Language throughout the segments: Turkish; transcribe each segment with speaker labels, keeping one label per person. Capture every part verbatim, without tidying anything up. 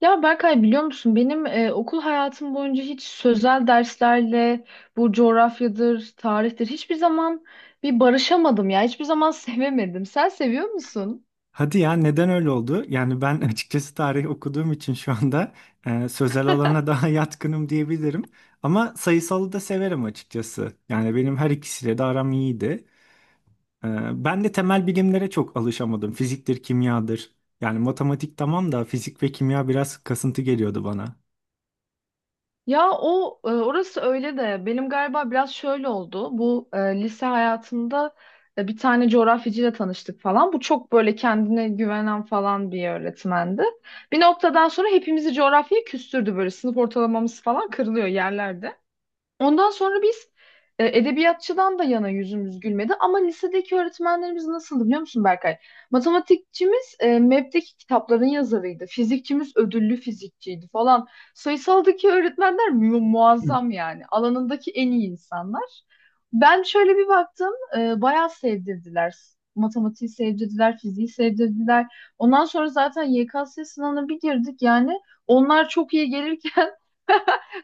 Speaker 1: Ya Berkay biliyor musun benim e, okul hayatım boyunca hiç sözel derslerle bu coğrafyadır, tarihtir hiçbir zaman bir barışamadım ya. Hiçbir zaman sevemedim. Sen seviyor musun?
Speaker 2: Hadi ya, neden öyle oldu? Yani ben açıkçası tarih okuduğum için şu anda e, sözel alana daha yatkınım diyebilirim. Ama sayısalı da severim açıkçası. Yani benim her ikisiyle de aram iyiydi. E, Ben de temel bilimlere çok alışamadım. Fiziktir, kimyadır. Yani matematik tamam da fizik ve kimya biraz kasıntı geliyordu bana.
Speaker 1: Ya o e, orası öyle de benim galiba biraz şöyle oldu. Bu e, lise hayatımda e, bir tane coğrafyacıyla tanıştık falan. Bu çok böyle kendine güvenen falan bir öğretmendi. Bir noktadan sonra hepimizi coğrafyaya küstürdü böyle sınıf ortalamamız falan kırılıyor yerlerde. Ondan sonra biz e, edebiyatçıdan da yana yüzümüz gülmedi ama lisedeki öğretmenlerimiz nasıldı biliyor musun Berkay? Matematikçimiz e, M E B'deki kitapların yazarıydı. Fizikçimiz ödüllü fizikçiydi falan. Sayısaldaki öğretmenler mu- muazzam yani. Alanındaki en iyi insanlar. Ben şöyle bir baktım, e, bayağı sevdirdiler. Matematiği sevdirdiler, fiziği sevdirdiler. Ondan sonra zaten Y K S sınavına bir girdik yani. Onlar çok iyi gelirken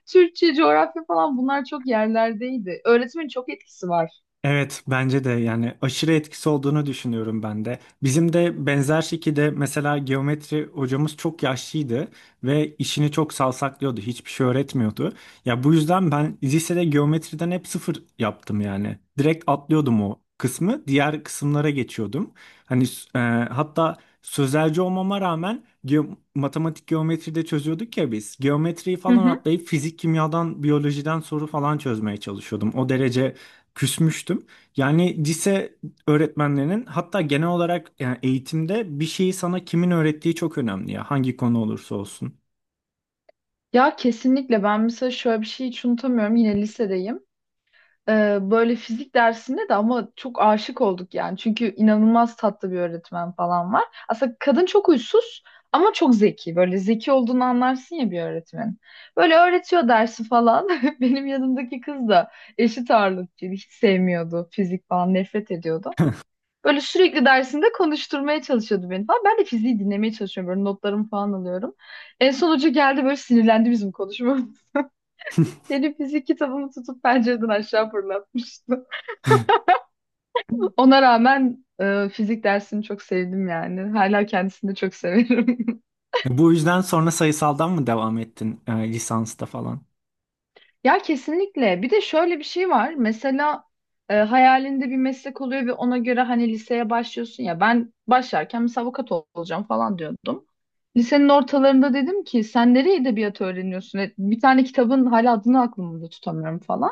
Speaker 1: Türkçe, coğrafya falan bunlar çok yerlerdeydi. Öğretimin çok etkisi var.
Speaker 2: Evet, bence de yani aşırı etkisi olduğunu düşünüyorum ben de. Bizim de benzer şekilde mesela geometri hocamız çok yaşlıydı ve işini çok savsaklıyordu. Hiçbir şey öğretmiyordu. Ya bu yüzden ben lisede geometriden hep sıfır yaptım yani. Direkt atlıyordum o kısmı, diğer kısımlara geçiyordum. Hani e, hatta sözelci olmama rağmen ge- matematik geometride çözüyorduk ya biz. Geometriyi
Speaker 1: Hı
Speaker 2: falan
Speaker 1: hı.
Speaker 2: atlayıp fizik, kimyadan, biyolojiden soru falan çözmeye çalışıyordum. O derece küsmüştüm. Yani lise öğretmenlerinin, hatta genel olarak yani eğitimde bir şeyi sana kimin öğrettiği çok önemli ya. Hangi konu olursa olsun.
Speaker 1: Ya kesinlikle ben mesela şöyle bir şey hiç unutamıyorum yine lisedeyim. Ee, böyle fizik dersinde de ama çok aşık olduk yani. Çünkü inanılmaz tatlı bir öğretmen falan var. Aslında kadın çok huysuz ama çok zeki. Böyle zeki olduğunu anlarsın ya bir öğretmenin. Böyle öğretiyor dersi falan. Benim yanımdaki kız da eşit ağırlıkçıydı. Hiç sevmiyordu fizik falan nefret ediyordu. Böyle sürekli dersinde konuşturmaya çalışıyordu beni falan. Ben de fiziği dinlemeye çalışıyorum. Böyle notlarımı falan alıyorum. En son hoca geldi böyle sinirlendi bizim konuşmamız. Benim fizik kitabımı tutup pencereden aşağı fırlatmıştı. Ona rağmen e, fizik dersini çok sevdim yani. Hala kendisini de çok severim.
Speaker 2: Bu yüzden sonra sayısaldan mı devam ettin e, lisansta falan?
Speaker 1: Ya kesinlikle. Bir de şöyle bir şey var. Mesela e, hayalinde bir meslek oluyor ve ona göre hani liseye başlıyorsun ya. Ben başlarken mesela avukat ol- olacağım falan diyordum. Lisenin ortalarında dedim ki sen nereye edebiyat öğreniyorsun? E, Bir tane kitabın hala adını aklımda tutamıyorum falan.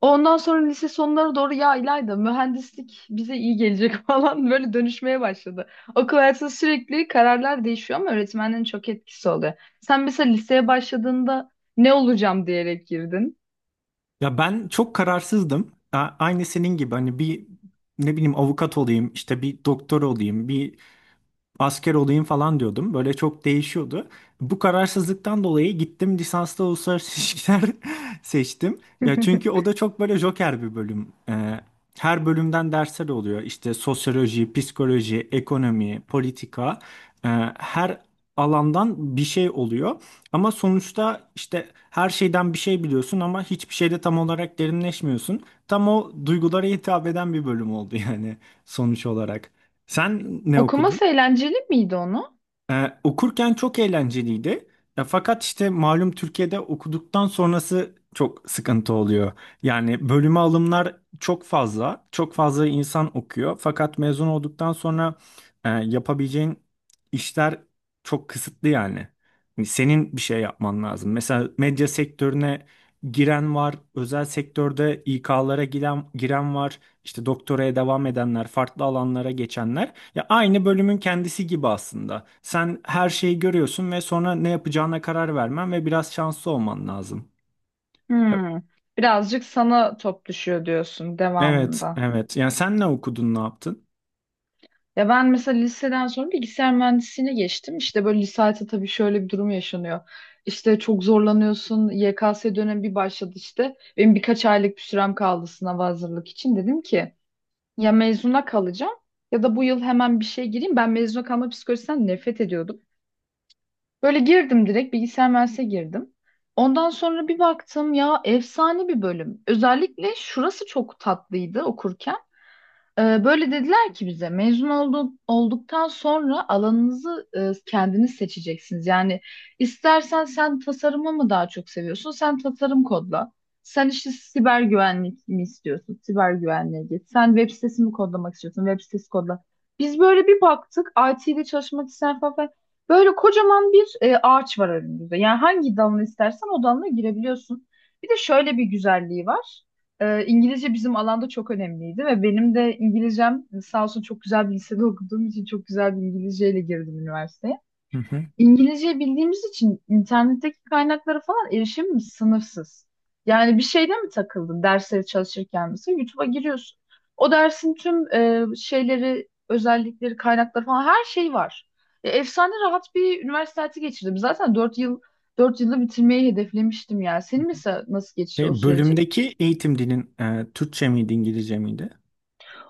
Speaker 1: Ondan sonra lise sonlara doğru ya İlayda mühendislik bize iyi gelecek falan böyle dönüşmeye başladı. Okul hayatında sürekli kararlar değişiyor ama öğretmenlerin çok etkisi oluyor. Sen mesela liseye başladığında ne olacağım diyerek girdin.
Speaker 2: Ya ben çok kararsızdım. A- Aynı senin gibi hani bir ne bileyim avukat olayım, işte bir doktor olayım, bir asker olayım falan diyordum. Böyle çok değişiyordu. Bu kararsızlıktan dolayı gittim lisanslı uluslararası ilişkiler seçtim. Ya çünkü o da çok böyle joker bir bölüm. Ee, her bölümden dersler oluyor. İşte sosyoloji, psikoloji, ekonomi, politika. Ee, her alandan bir şey oluyor. Ama sonuçta işte her şeyden bir şey biliyorsun ama hiçbir şeyde tam olarak derinleşmiyorsun. Tam o duygulara hitap eden bir bölüm oldu yani sonuç olarak. Sen ne okudun?
Speaker 1: Okuması eğlenceli miydi onu?
Speaker 2: Ee, okurken çok eğlenceliydi. Ya, fakat işte malum Türkiye'de okuduktan sonrası çok sıkıntı oluyor. Yani bölüme alımlar çok fazla, çok fazla insan okuyor. Fakat mezun olduktan sonra e, yapabileceğin işler çok kısıtlı yani. Yani senin bir şey yapman lazım. Mesela medya sektörüne giren var, özel sektörde İK'lara giren, giren var, işte doktoraya devam edenler, farklı alanlara geçenler. Ya aynı bölümün kendisi gibi aslında. Sen her şeyi görüyorsun ve sonra ne yapacağına karar vermen ve biraz şanslı olman lazım. Ya,
Speaker 1: Hmm. Birazcık sana top düşüyor diyorsun
Speaker 2: evet,
Speaker 1: devamında.
Speaker 2: evet. Yani sen ne okudun, ne yaptın?
Speaker 1: Ya ben mesela liseden sonra bilgisayar mühendisliğine geçtim. İşte böyle lisede tabii şöyle bir durum yaşanıyor. İşte çok zorlanıyorsun. Y K S dönemi bir başladı işte. Benim birkaç aylık bir sürem kaldı sınava hazırlık için. Dedim ki ya mezuna kalacağım ya da bu yıl hemen bir şey gireyim. Ben mezuna kalma psikolojisinden nefret ediyordum. Böyle girdim direkt bilgisayar mühendisliğe girdim. Ondan sonra bir baktım ya efsane bir bölüm. Özellikle şurası çok tatlıydı okurken. Ee, Böyle dediler ki bize mezun oldu- olduktan sonra alanınızı e, kendiniz seçeceksiniz. Yani istersen sen tasarımı mı daha çok seviyorsun? Sen tasarım kodla. Sen işte siber güvenlik mi istiyorsun? Siber güvenliğe git. Sen web sitesi mi kodlamak istiyorsun? Web sitesi kodla. Biz böyle bir baktık I T'de çalışmak isteyen falan. Böyle kocaman bir e, ağaç var önümüzde. Yani hangi dalını istersen o dalına girebiliyorsun. Bir de şöyle bir güzelliği var. Ee, İngilizce bizim alanda çok önemliydi ve benim de İngilizcem sağ olsun çok güzel bir lisede okuduğum için çok güzel bir İngilizceyle girdim üniversiteye.
Speaker 2: Hı hı.
Speaker 1: İngilizce bildiğimiz için internetteki kaynaklara falan erişimimiz sınırsız. Yani bir şeyde mi takıldın dersleri çalışırken mesela YouTube'a giriyorsun. O dersin tüm e, şeyleri, özellikleri, kaynakları falan her şey var. Ya, efsane rahat bir üniversite hayatı geçirdim. Zaten dört yıl dört yılda bitirmeyi hedeflemiştim yani. Senin mesela nasıl geçti o
Speaker 2: Şey,
Speaker 1: süreci?
Speaker 2: bölümdeki eğitim dilin e, Türkçe miydi, İngilizce miydi?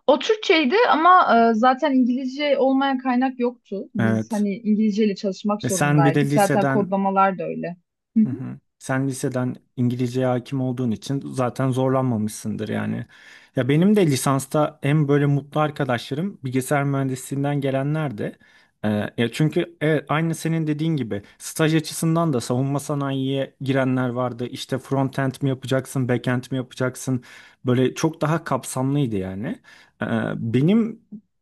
Speaker 1: O Türkçeydi ama e, zaten İngilizce olmayan kaynak yoktu. Biz
Speaker 2: Evet.
Speaker 1: hani İngilizceyle çalışmak
Speaker 2: E sen bir de
Speaker 1: zorundaydık. Zaten
Speaker 2: liseden.
Speaker 1: kodlamalar da öyle. Hı
Speaker 2: Hı
Speaker 1: hı.
Speaker 2: hı. Sen liseden İngilizceye hakim olduğun için zaten zorlanmamışsındır yani. Ya benim de lisansta en böyle mutlu arkadaşlarım bilgisayar mühendisliğinden gelenler de. Ee, ya çünkü evet, aynı senin dediğin gibi staj açısından da savunma sanayiye girenler vardı. İşte front-end mi yapacaksın, back-end mi yapacaksın? Böyle çok daha kapsamlıydı yani. Ee, benim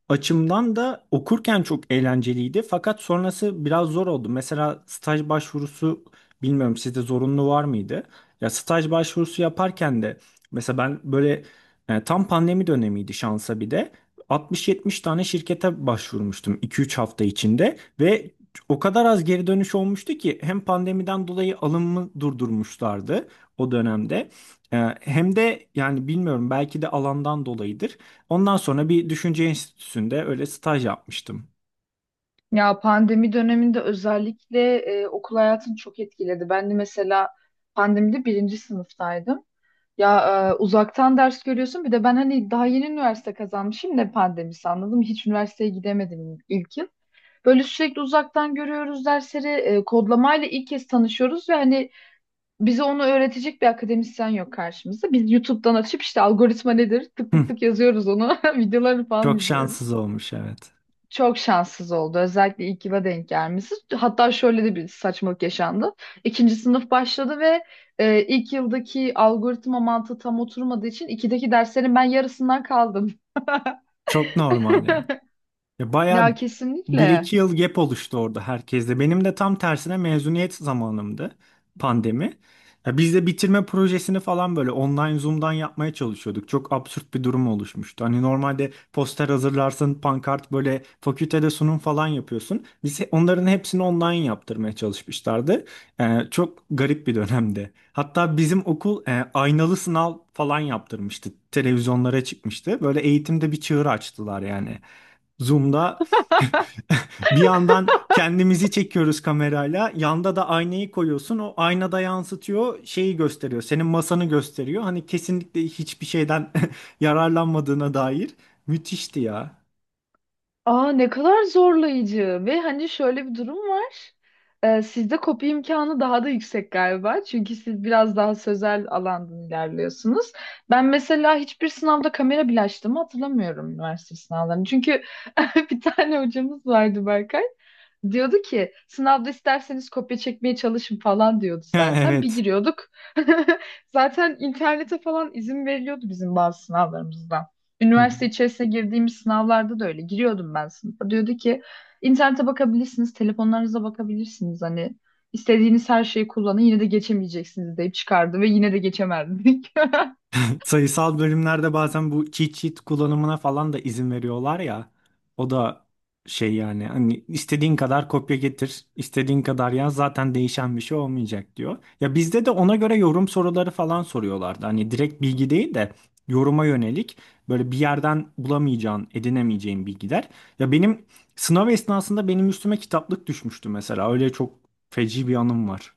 Speaker 2: açımdan da okurken çok eğlenceliydi, fakat sonrası biraz zor oldu. Mesela staj başvurusu, bilmiyorum sizde zorunlu var mıydı? Ya staj başvurusu yaparken de mesela ben böyle e, tam pandemi dönemiydi şansa, bir de altmış yetmiş tane şirkete başvurmuştum iki üç hafta içinde ve o kadar az geri dönüş olmuştu ki hem pandemiden dolayı alımı durdurmuşlardı o dönemde. E, Hem de yani bilmiyorum belki de alandan dolayıdır. Ondan sonra bir düşünce enstitüsünde öyle staj yapmıştım.
Speaker 1: Ya pandemi döneminde özellikle e, okul hayatını çok etkiledi. Ben de mesela pandemide birinci sınıftaydım. Ya e, uzaktan ders görüyorsun. Bir de ben hani daha yeni üniversite kazanmışım ne pandemisi anladım. Hiç üniversiteye gidemedim ilk yıl. Böyle sürekli uzaktan görüyoruz dersleri. E, kodlamayla ilk kez tanışıyoruz ve hani bize onu öğretecek bir akademisyen yok karşımızda. Biz YouTube'dan açıp işte algoritma nedir tık tık
Speaker 2: Hı,
Speaker 1: tık yazıyoruz onu. Videoları falan
Speaker 2: çok şanssız
Speaker 1: izliyoruz.
Speaker 2: olmuş, evet.
Speaker 1: Çok şanssız oldu. Özellikle ilk yıla denk gelmesi. Hatta şöyle de bir saçmalık yaşandı. İkinci sınıf başladı ve e, ilk yıldaki algoritma mantığı tam oturmadığı için ikideki derslerin ben yarısından kaldım.
Speaker 2: Çok normal ya. Ya
Speaker 1: Ya
Speaker 2: bayağı
Speaker 1: kesinlikle.
Speaker 2: bir iki yıl gap oluştu orada herkeste. Benim de tam tersine mezuniyet zamanımdı pandemi. Ya biz de bitirme projesini falan böyle online Zoom'dan yapmaya çalışıyorduk. Çok absürt bir durum oluşmuştu. Hani normalde poster hazırlarsın, pankart, böyle fakültede sunum falan yapıyorsun. Biz he- onların hepsini online yaptırmaya çalışmışlardı. Ee, çok garip bir dönemdi. Hatta bizim okul e, aynalı sınav falan yaptırmıştı. Televizyonlara çıkmıştı. Böyle eğitimde bir çığır açtılar yani. Zoom'da bir yandan kendimizi çekiyoruz kamerayla. Yanda da aynayı koyuyorsun. O aynada yansıtıyor, şeyi gösteriyor. Senin masanı gösteriyor. Hani kesinlikle hiçbir şeyden yararlanmadığına dair. Müthişti ya.
Speaker 1: Aa ne kadar zorlayıcı ve hani şöyle bir durum var. Ee, sizde kopya imkanı daha da yüksek galiba. Çünkü siz biraz daha sözel alandan ilerliyorsunuz. Ben mesela hiçbir sınavda kamera bile açtığımı hatırlamıyorum üniversite sınavlarını. Çünkü bir tane hocamız vardı Berkay. Diyordu ki sınavda isterseniz kopya çekmeye çalışın falan diyordu
Speaker 2: Ha,
Speaker 1: zaten. Bir
Speaker 2: evet.
Speaker 1: giriyorduk. Zaten internete falan izin veriliyordu bizim bazı sınavlarımızda. Üniversite içerisine girdiğimiz sınavlarda da öyle. Giriyordum ben sınıfa. Diyordu ki internete bakabilirsiniz, telefonlarınıza bakabilirsiniz. Hani istediğiniz her şeyi kullanın yine de geçemeyeceksiniz deyip çıkardı ve yine de geçemezdik.
Speaker 2: Sayısal bölümlerde bazen bu cheat sheet kullanımına falan da izin veriyorlar ya. O da şey yani hani istediğin kadar kopya getir, istediğin kadar yaz, zaten değişen bir şey olmayacak diyor. Ya bizde de ona göre yorum soruları falan soruyorlardı. Hani direkt bilgi değil de yoruma yönelik, böyle bir yerden bulamayacağın, edinemeyeceğin bilgiler. Ya benim sınav esnasında benim üstüme kitaplık düşmüştü mesela. Öyle çok feci bir anım var.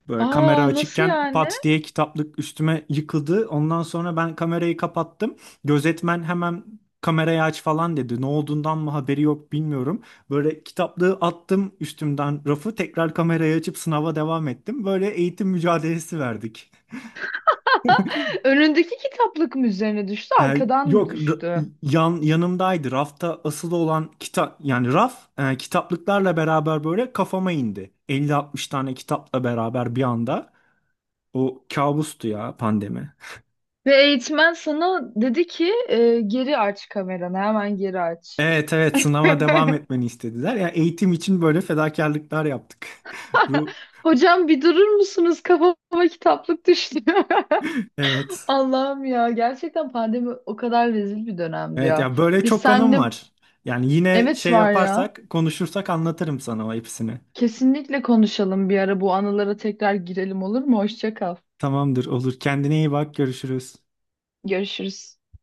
Speaker 2: Böyle kamera
Speaker 1: Aa nasıl
Speaker 2: açıkken
Speaker 1: yani?
Speaker 2: pat diye kitaplık üstüme yıkıldı. Ondan sonra ben kamerayı kapattım. Gözetmen hemen kamerayı aç falan dedi. Ne olduğundan mı haberi yok, bilmiyorum. Böyle kitaplığı attım üstümden, rafı, tekrar kamerayı açıp sınava devam ettim. Böyle eğitim mücadelesi verdik.
Speaker 1: Önündeki kitaplık mı üzerine düştü,
Speaker 2: Ee,
Speaker 1: arkadan mı
Speaker 2: yok ra-
Speaker 1: düştü?
Speaker 2: yan yanımdaydı. Rafta asılı olan kitap, yani raf e, kitaplıklarla beraber böyle kafama indi. elli altmış tane kitapla beraber bir anda. O kabustu ya pandemi.
Speaker 1: Ve eğitmen sana dedi ki e, geri aç kameranı, hemen geri aç.
Speaker 2: Evet, evet, sınava devam etmeni istediler. Ya eğitim için böyle fedakarlıklar yaptık. Ru
Speaker 1: Hocam bir durur musunuz? Kafama kitaplık düştü.
Speaker 2: evet.
Speaker 1: Allah'ım ya gerçekten pandemi o kadar rezil bir dönemdi
Speaker 2: Evet
Speaker 1: ya.
Speaker 2: ya, böyle
Speaker 1: Biz
Speaker 2: çok anım
Speaker 1: seninle
Speaker 2: var. Yani yine
Speaker 1: evet
Speaker 2: şey
Speaker 1: var ya.
Speaker 2: yaparsak, konuşursak anlatırım sana o hepsini.
Speaker 1: Kesinlikle konuşalım bir ara bu anılara tekrar girelim olur mu? Hoşça kal.
Speaker 2: Tamamdır, olur. Kendine iyi bak, görüşürüz.
Speaker 1: Görüşürüz.